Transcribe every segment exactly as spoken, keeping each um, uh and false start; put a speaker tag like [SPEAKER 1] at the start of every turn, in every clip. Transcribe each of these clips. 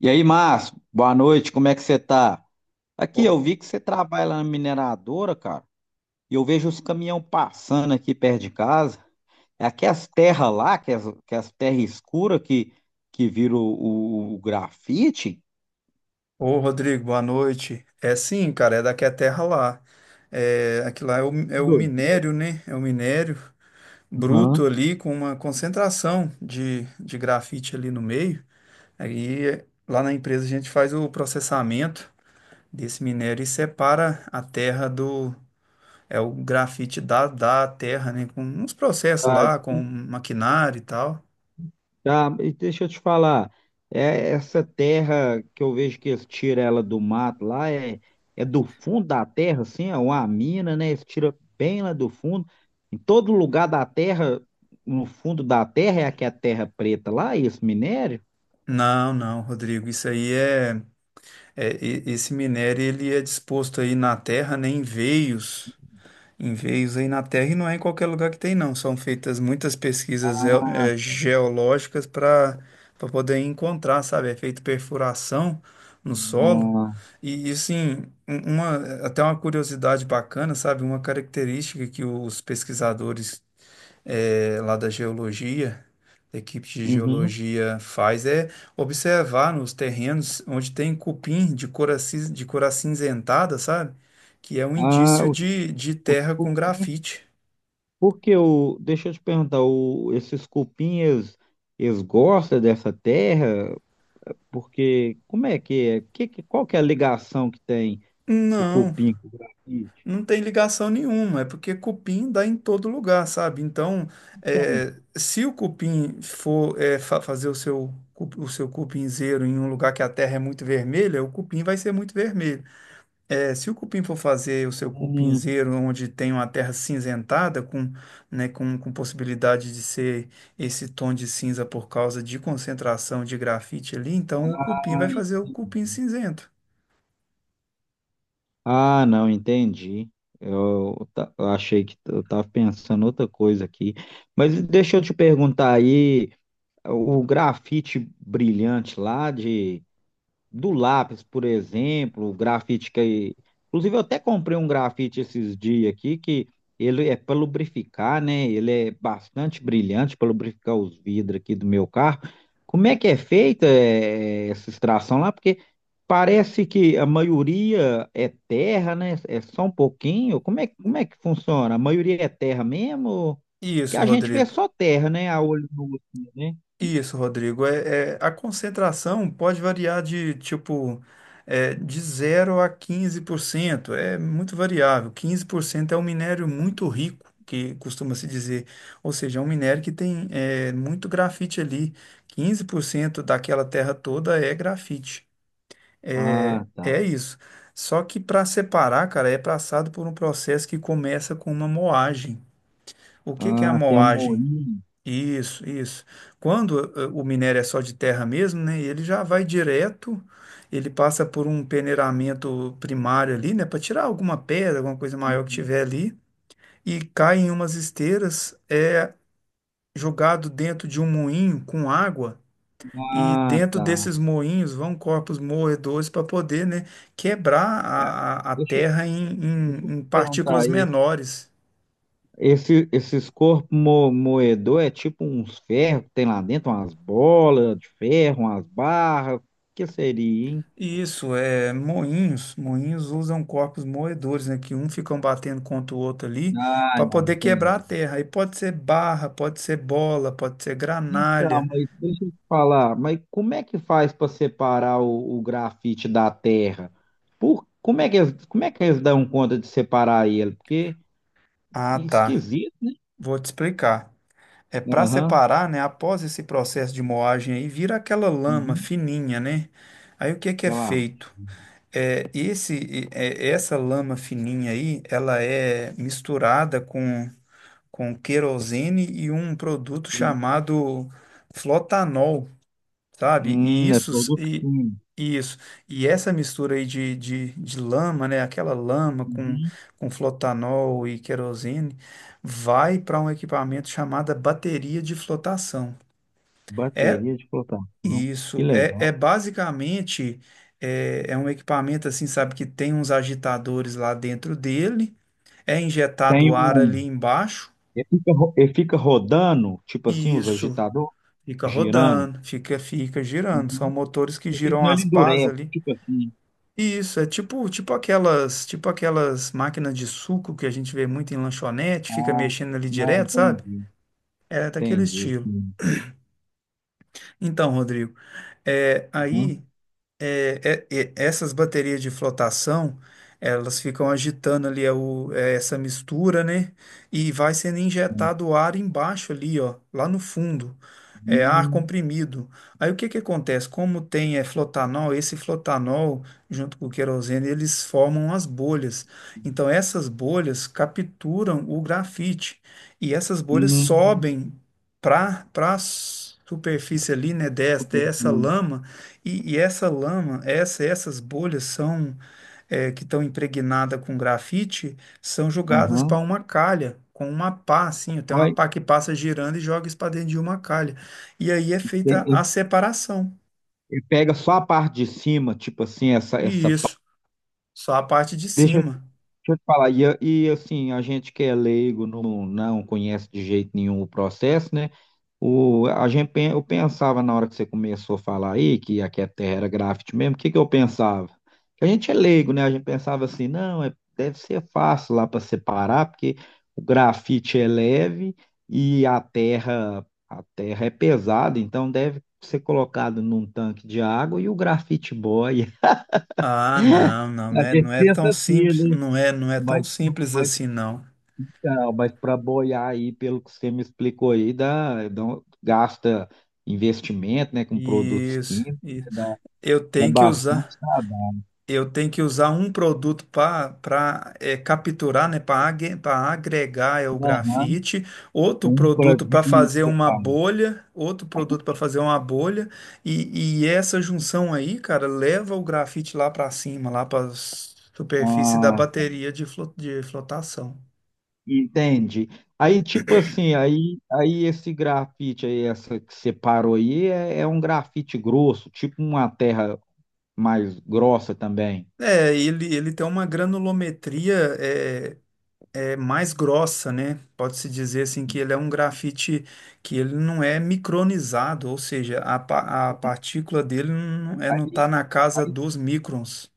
[SPEAKER 1] E aí, Márcio, boa noite, como é que você tá? Aqui,
[SPEAKER 2] Ô,
[SPEAKER 1] eu vi que você trabalha lá na mineradora, cara, e eu vejo os caminhão passando aqui perto de casa. É aquelas terras lá, que as, que as terras escuras que, que viram o, o- o grafite?
[SPEAKER 2] ô, Rodrigo, boa noite. É sim, cara, é daqui a terra lá. É, aqui lá é o, é o
[SPEAKER 1] Doido.
[SPEAKER 2] minério, né? É o minério
[SPEAKER 1] Aham.
[SPEAKER 2] bruto ali com uma concentração de, de grafite ali no meio. Aí é, lá na empresa a gente faz o processamento desse minério e separa a terra do. É o grafite da, da terra, né? Com uns processos lá, com maquinário e tal.
[SPEAKER 1] Tá, e deixa eu te falar, é essa terra que eu vejo que eles tiram ela do mato lá, é, é do fundo da terra, assim, é uma mina, né? Eles tiram bem lá do fundo. Em todo lugar da terra, no fundo da terra, é aqui a terra preta lá, esse minério?
[SPEAKER 2] Não, não, Rodrigo, isso aí é. É, e- esse minério ele é disposto aí na terra, né, em veios, em veios aí na terra e não é em qualquer lugar que tem não. São feitas muitas pesquisas geo- eh, geológicas para para poder encontrar, sabe? É feito perfuração no solo
[SPEAKER 1] Ah,
[SPEAKER 2] e, e assim um- uma até uma curiosidade bacana, sabe? Uma característica que os pesquisadores eh, lá da geologia, da equipe de
[SPEAKER 1] uhum.
[SPEAKER 2] geologia faz é observar nos terrenos onde tem cupim de cor, acis- de cor acinzentada, sabe? Que é um
[SPEAKER 1] Ah,
[SPEAKER 2] indício
[SPEAKER 1] o-
[SPEAKER 2] de, de
[SPEAKER 1] o-
[SPEAKER 2] terra com
[SPEAKER 1] o-
[SPEAKER 2] grafite.
[SPEAKER 1] porque o, deixa eu te perguntar, o, esses cupinhas, eles gostam dessa terra? Porque, como é que é? Que, que- qual que é a ligação que tem? O
[SPEAKER 2] Não,
[SPEAKER 1] cupim com grafite?
[SPEAKER 2] não tem ligação nenhuma, é porque cupim dá em todo lugar, sabe? Então, eh, se o cupim for eh, fa- fazer o seu, cu- o seu cupinzeiro em um lugar que a terra é muito vermelha, o cupim vai ser muito vermelho. É, se o cupim for fazer o seu
[SPEAKER 1] Hum,
[SPEAKER 2] cupinzeiro onde tem uma terra cinzentada, com, né, com, com possibilidade de ser esse tom de cinza por causa de concentração de grafite ali, então o cupim vai fazer o cupim cinzento.
[SPEAKER 1] Ah, não, entendi. Eu, ta- eu achei que t- eu estava pensando outra coisa aqui. Mas deixa eu te perguntar aí, o grafite brilhante lá de do lápis, por exemplo, o grafite que. Inclusive, eu até comprei um grafite esses dias aqui, que ele é para lubrificar, né? Ele é bastante brilhante para lubrificar os vidros aqui do meu carro. Como é que é feita eh, essa extração lá? Porque parece que a maioria é terra, né? É só um pouquinho. Como é, como é que funciona? A maioria é terra mesmo? Que
[SPEAKER 2] Isso,
[SPEAKER 1] a gente vê
[SPEAKER 2] Rodrigo.
[SPEAKER 1] só terra, né? A olho nu, assim, né?
[SPEAKER 2] Isso, Rodrigo. É, é- a concentração pode variar de tipo é, de zero a quinze por cento. É muito variável. Quinze por cento é um minério muito rico, que costuma se dizer. Ou seja, é um minério que tem é, muito grafite ali. Quinze por cento daquela terra toda é grafite. É
[SPEAKER 1] Ah,
[SPEAKER 2] é
[SPEAKER 1] tá.
[SPEAKER 2] isso. Só que para separar, cara, é passado por um processo que começa com uma moagem. O que que é a
[SPEAKER 1] Ah, tem um
[SPEAKER 2] moagem?
[SPEAKER 1] moinho.
[SPEAKER 2] Isso, isso. Quando eh, o minério é só de terra mesmo, né? Ele já vai direto, ele passa por um peneiramento primário ali, né? Para tirar alguma pedra, alguma coisa maior que
[SPEAKER 1] Uhum.
[SPEAKER 2] tiver ali, e cai em umas esteiras, é jogado dentro de um moinho com água, e
[SPEAKER 1] Ah,
[SPEAKER 2] dentro
[SPEAKER 1] tá.
[SPEAKER 2] desses moinhos vão corpos moedores para poder, né, quebrar
[SPEAKER 1] É,
[SPEAKER 2] a, a a
[SPEAKER 1] Deixa, eu-
[SPEAKER 2] terra em,
[SPEAKER 1] deixa eu
[SPEAKER 2] em em
[SPEAKER 1] te perguntar
[SPEAKER 2] partículas
[SPEAKER 1] aí.
[SPEAKER 2] menores.
[SPEAKER 1] Esse, esses corpos mo, moedor é tipo uns ferros que tem lá dentro, umas bolas de ferro, umas barras. O que seria, hein?
[SPEAKER 2] Isso, é moinhos. Moinhos usam corpos moedores, né? Que um ficam batendo contra o outro ali
[SPEAKER 1] Ah,
[SPEAKER 2] para
[SPEAKER 1] não,
[SPEAKER 2] poder quebrar a
[SPEAKER 1] entendi.
[SPEAKER 2] terra. Aí pode ser barra, pode ser bola, pode ser
[SPEAKER 1] Então,
[SPEAKER 2] granalha.
[SPEAKER 1] mas deixa eu te falar, mas como é que faz para separar o, o grafite da terra? Por, como é que eles, como é que eles dão conta de separar ele? Porque
[SPEAKER 2] Ah,
[SPEAKER 1] é
[SPEAKER 2] tá.
[SPEAKER 1] esquisito, né?
[SPEAKER 2] Vou te explicar. É para
[SPEAKER 1] Aham,
[SPEAKER 2] separar, né? Após esse processo de moagem aí, vira aquela lama
[SPEAKER 1] uhum,
[SPEAKER 2] fininha, né? Aí o que que é
[SPEAKER 1] sei lá.
[SPEAKER 2] feito? É, esse, é, essa lama fininha aí, ela é misturada com com querosene e um produto chamado flotanol, sabe? E
[SPEAKER 1] Hum, é
[SPEAKER 2] isso,
[SPEAKER 1] produto
[SPEAKER 2] e,
[SPEAKER 1] químico.
[SPEAKER 2] e isso, e essa mistura aí de, de, de lama, né? Aquela lama com,
[SPEAKER 1] Uhum.
[SPEAKER 2] com flotanol e querosene vai para um equipamento chamado bateria de flotação. É
[SPEAKER 1] Bateria de flotar. Que
[SPEAKER 2] isso, é,
[SPEAKER 1] legal.
[SPEAKER 2] é basicamente é, é um equipamento assim, sabe, que tem uns agitadores lá dentro dele, é
[SPEAKER 1] Tem
[SPEAKER 2] injetado ar
[SPEAKER 1] um.
[SPEAKER 2] ali embaixo.
[SPEAKER 1] Ele fica, ro- ele fica rodando, tipo assim,
[SPEAKER 2] E
[SPEAKER 1] os
[SPEAKER 2] isso.
[SPEAKER 1] agitadores,
[SPEAKER 2] Fica
[SPEAKER 1] girando.
[SPEAKER 2] rodando, fica, fica girando. São
[SPEAKER 1] Uhum.
[SPEAKER 2] motores que
[SPEAKER 1] Porque
[SPEAKER 2] giram
[SPEAKER 1] senão
[SPEAKER 2] as
[SPEAKER 1] ele
[SPEAKER 2] pás
[SPEAKER 1] endurece,
[SPEAKER 2] ali.
[SPEAKER 1] tipo assim.
[SPEAKER 2] E isso é tipo, tipo aquelas, tipo aquelas máquinas de suco que a gente vê muito em lanchonete, fica
[SPEAKER 1] Ah,
[SPEAKER 2] mexendo ali
[SPEAKER 1] não,
[SPEAKER 2] direto, sabe?
[SPEAKER 1] entendi.
[SPEAKER 2] É daquele
[SPEAKER 1] Entendi,
[SPEAKER 2] estilo.
[SPEAKER 1] sim.
[SPEAKER 2] Então, Rodrigo, é,
[SPEAKER 1] Uhum.
[SPEAKER 2] aí é, é, é, essas baterias de flotação, elas ficam agitando ali é o- é essa mistura, né? E vai sendo injetado ar embaixo ali, ó, lá no fundo. É ar
[SPEAKER 1] Uhum.
[SPEAKER 2] comprimido. Aí o que que acontece? Como tem é, flotanol, esse flotanol, junto com o querosene, eles formam as bolhas. Então essas bolhas capturam o grafite. E essas bolhas
[SPEAKER 1] Hum,
[SPEAKER 2] sobem para para a superfície ali, né, dessa, dessa
[SPEAKER 1] entendi.
[SPEAKER 2] lama e, e essa lama, essa, essas bolhas são é, que estão impregnadas com grafite, são jogadas para
[SPEAKER 1] Aham.
[SPEAKER 2] uma calha, com uma pá, assim, tem uma
[SPEAKER 1] Olha,
[SPEAKER 2] pá que passa girando e joga isso para dentro de uma calha. E aí é
[SPEAKER 1] tem-
[SPEAKER 2] feita
[SPEAKER 1] ele
[SPEAKER 2] a separação.
[SPEAKER 1] ele pega só a parte de cima, tipo assim, essa,
[SPEAKER 2] E
[SPEAKER 1] essa pa-
[SPEAKER 2] isso, só a parte de
[SPEAKER 1] Deixa,
[SPEAKER 2] cima.
[SPEAKER 1] deixa eu te falar, e, a- e assim, a gente que é leigo não, não conhece de jeito nenhum o processo, né? O, a gente, pen- eu pensava na hora que você começou a falar aí que aqui a Terra era grafite mesmo, o que que eu pensava? Que a gente é leigo, né? A gente pensava assim, não, é- deve ser fácil lá para separar, porque o grafite é leve e a terra, a terra é pesada, então deve ser colocado num tanque de água e o grafite boia.
[SPEAKER 2] Ah, não, não
[SPEAKER 1] A
[SPEAKER 2] não é, não
[SPEAKER 1] gente
[SPEAKER 2] é
[SPEAKER 1] pensa
[SPEAKER 2] tão
[SPEAKER 1] assim,
[SPEAKER 2] simples,
[SPEAKER 1] né?
[SPEAKER 2] não é, não é tão
[SPEAKER 1] Mas,
[SPEAKER 2] simples assim, não.
[SPEAKER 1] não, mas para boiar aí, pelo que você me explicou aí, dá, dá um- gasta investimento, né, com produtos
[SPEAKER 2] Isso,
[SPEAKER 1] químicos, né,
[SPEAKER 2] isso.
[SPEAKER 1] dá,
[SPEAKER 2] Eu
[SPEAKER 1] dá
[SPEAKER 2] tenho que
[SPEAKER 1] bastante
[SPEAKER 2] usar.
[SPEAKER 1] trabalho.
[SPEAKER 2] Eu tenho que usar um produto para capturar, né, para agregar é o
[SPEAKER 1] Aham,
[SPEAKER 2] grafite, outro
[SPEAKER 1] um para
[SPEAKER 2] produto para
[SPEAKER 1] dividir,
[SPEAKER 2] fazer
[SPEAKER 1] você
[SPEAKER 2] uma
[SPEAKER 1] fala.
[SPEAKER 2] bolha, outro produto para fazer uma bolha, e, e essa junção aí, cara, leva o grafite lá para cima, lá para superfície da
[SPEAKER 1] Ah,
[SPEAKER 2] bateria de, flo- de flotação.
[SPEAKER 1] entende? Aí, tipo assim, aí, aí esse grafite aí, essa que você parou aí, é, é um grafite grosso, tipo uma terra mais grossa também.
[SPEAKER 2] É, ele, ele tem uma granulometria é, é mais grossa, né? Pode-se dizer assim que ele é um grafite que ele não é micronizado, ou seja, a, pa- a partícula dele não, é, não tá
[SPEAKER 1] Aí,
[SPEAKER 2] na casa dos microns.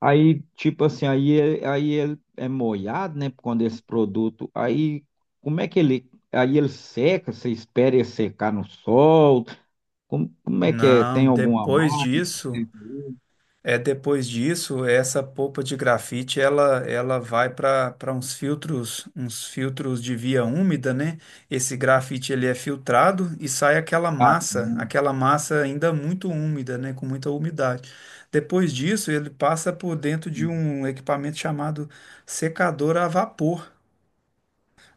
[SPEAKER 1] Aí, tipo assim, aí, é- aí ele é molhado, né? Quando esse produto. Aí, como é que ele. Aí ele seca, você espera ele secar no sol? Como, como é que é?
[SPEAKER 2] Não,
[SPEAKER 1] Tem alguma
[SPEAKER 2] depois
[SPEAKER 1] máquina? Que
[SPEAKER 2] disso.
[SPEAKER 1] seca ele?
[SPEAKER 2] É, depois disso, essa polpa de grafite, ela, ela vai para para uns filtros, uns filtros de via úmida, né? Esse grafite ele é filtrado e sai aquela
[SPEAKER 1] Ah,
[SPEAKER 2] massa,
[SPEAKER 1] não.
[SPEAKER 2] aquela massa ainda muito úmida, né? Com muita umidade. Depois disso, ele passa por dentro de um equipamento chamado secador a vapor.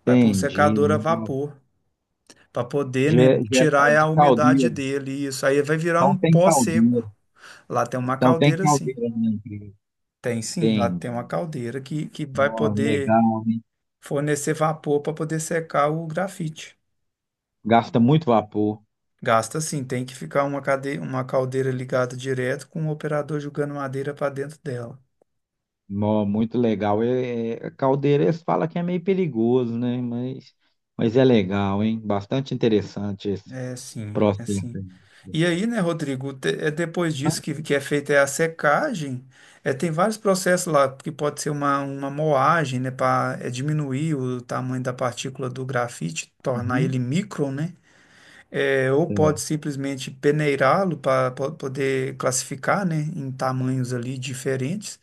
[SPEAKER 2] Vai para um
[SPEAKER 1] Entendi.
[SPEAKER 2] secador a
[SPEAKER 1] Nossa.
[SPEAKER 2] vapor para poder,
[SPEAKER 1] De,
[SPEAKER 2] né,
[SPEAKER 1] de, é
[SPEAKER 2] tirar a
[SPEAKER 1] de
[SPEAKER 2] umidade
[SPEAKER 1] caldeira.
[SPEAKER 2] dele. Isso aí vai virar um
[SPEAKER 1] Então tem
[SPEAKER 2] pó seco.
[SPEAKER 1] caldeira.
[SPEAKER 2] Lá tem uma
[SPEAKER 1] Então tem
[SPEAKER 2] caldeira assim.
[SPEAKER 1] caldeira na empresa.
[SPEAKER 2] Tem sim, lá tem
[SPEAKER 1] Entendi.
[SPEAKER 2] uma caldeira que, que vai
[SPEAKER 1] Nossa,
[SPEAKER 2] poder
[SPEAKER 1] legal, hein?
[SPEAKER 2] fornecer vapor para poder secar o grafite.
[SPEAKER 1] Gasta muito vapor.
[SPEAKER 2] Gasta sim, tem que ficar uma, cade... uma caldeira ligada direto com o operador jogando madeira para dentro dela.
[SPEAKER 1] Nó, muito legal. É, é, caldeira, eles que é meio perigoso, né? Mas, mas é legal, hein? Bastante interessante esse
[SPEAKER 2] É sim, é
[SPEAKER 1] processo.
[SPEAKER 2] sim.
[SPEAKER 1] Aí.
[SPEAKER 2] E aí, né, Rodrigo, te- é depois disso que, que é feita é a secagem, é, tem vários processos lá, que pode ser uma, uma moagem, né, para diminuir o tamanho da partícula do grafite, tornar
[SPEAKER 1] Uhum.
[SPEAKER 2] ele micro, né? É, ou
[SPEAKER 1] É,
[SPEAKER 2] pode simplesmente peneirá-lo para poder classificar, né, em tamanhos ali diferentes.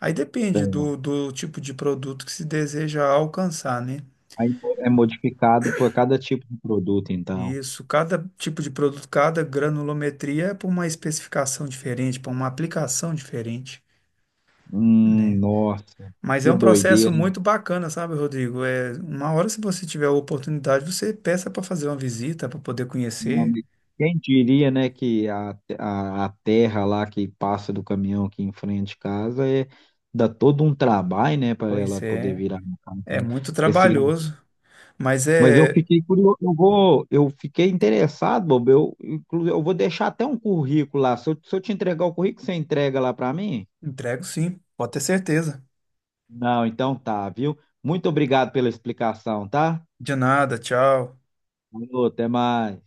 [SPEAKER 2] Aí depende
[SPEAKER 1] é.
[SPEAKER 2] do, do tipo de produto que se deseja alcançar, né?
[SPEAKER 1] Aí é modificado por cada tipo de produto, então.
[SPEAKER 2] Isso, cada tipo de produto, cada granulometria é para uma especificação diferente, para uma aplicação diferente,
[SPEAKER 1] Hum,
[SPEAKER 2] né?
[SPEAKER 1] nossa,
[SPEAKER 2] Mas é
[SPEAKER 1] que
[SPEAKER 2] um processo
[SPEAKER 1] doideira, hein?
[SPEAKER 2] muito bacana, sabe, Rodrigo? É, uma hora, se você tiver a oportunidade, você peça para fazer uma visita, para poder
[SPEAKER 1] Não,
[SPEAKER 2] conhecer.
[SPEAKER 1] mas quem diria, né, que a, a, a terra lá que passa do caminhão aqui em frente de casa é, dá todo um trabalho, né, para ela
[SPEAKER 2] Pois
[SPEAKER 1] poder
[SPEAKER 2] é,
[SPEAKER 1] virar uma casa,
[SPEAKER 2] é
[SPEAKER 1] né?
[SPEAKER 2] muito
[SPEAKER 1] Esse
[SPEAKER 2] trabalhoso, mas
[SPEAKER 1] mas eu
[SPEAKER 2] é,
[SPEAKER 1] fiquei curioso, eu vou, eu fiquei interessado, Bob. Eu, inclu- eu vou deixar até um currículo lá. Se eu, se eu te entregar o currículo, você entrega lá para mim?
[SPEAKER 2] entrego sim, pode ter certeza.
[SPEAKER 1] Não, então tá, viu? Muito obrigado pela explicação, tá?
[SPEAKER 2] De nada, tchau.
[SPEAKER 1] Falou, até mais.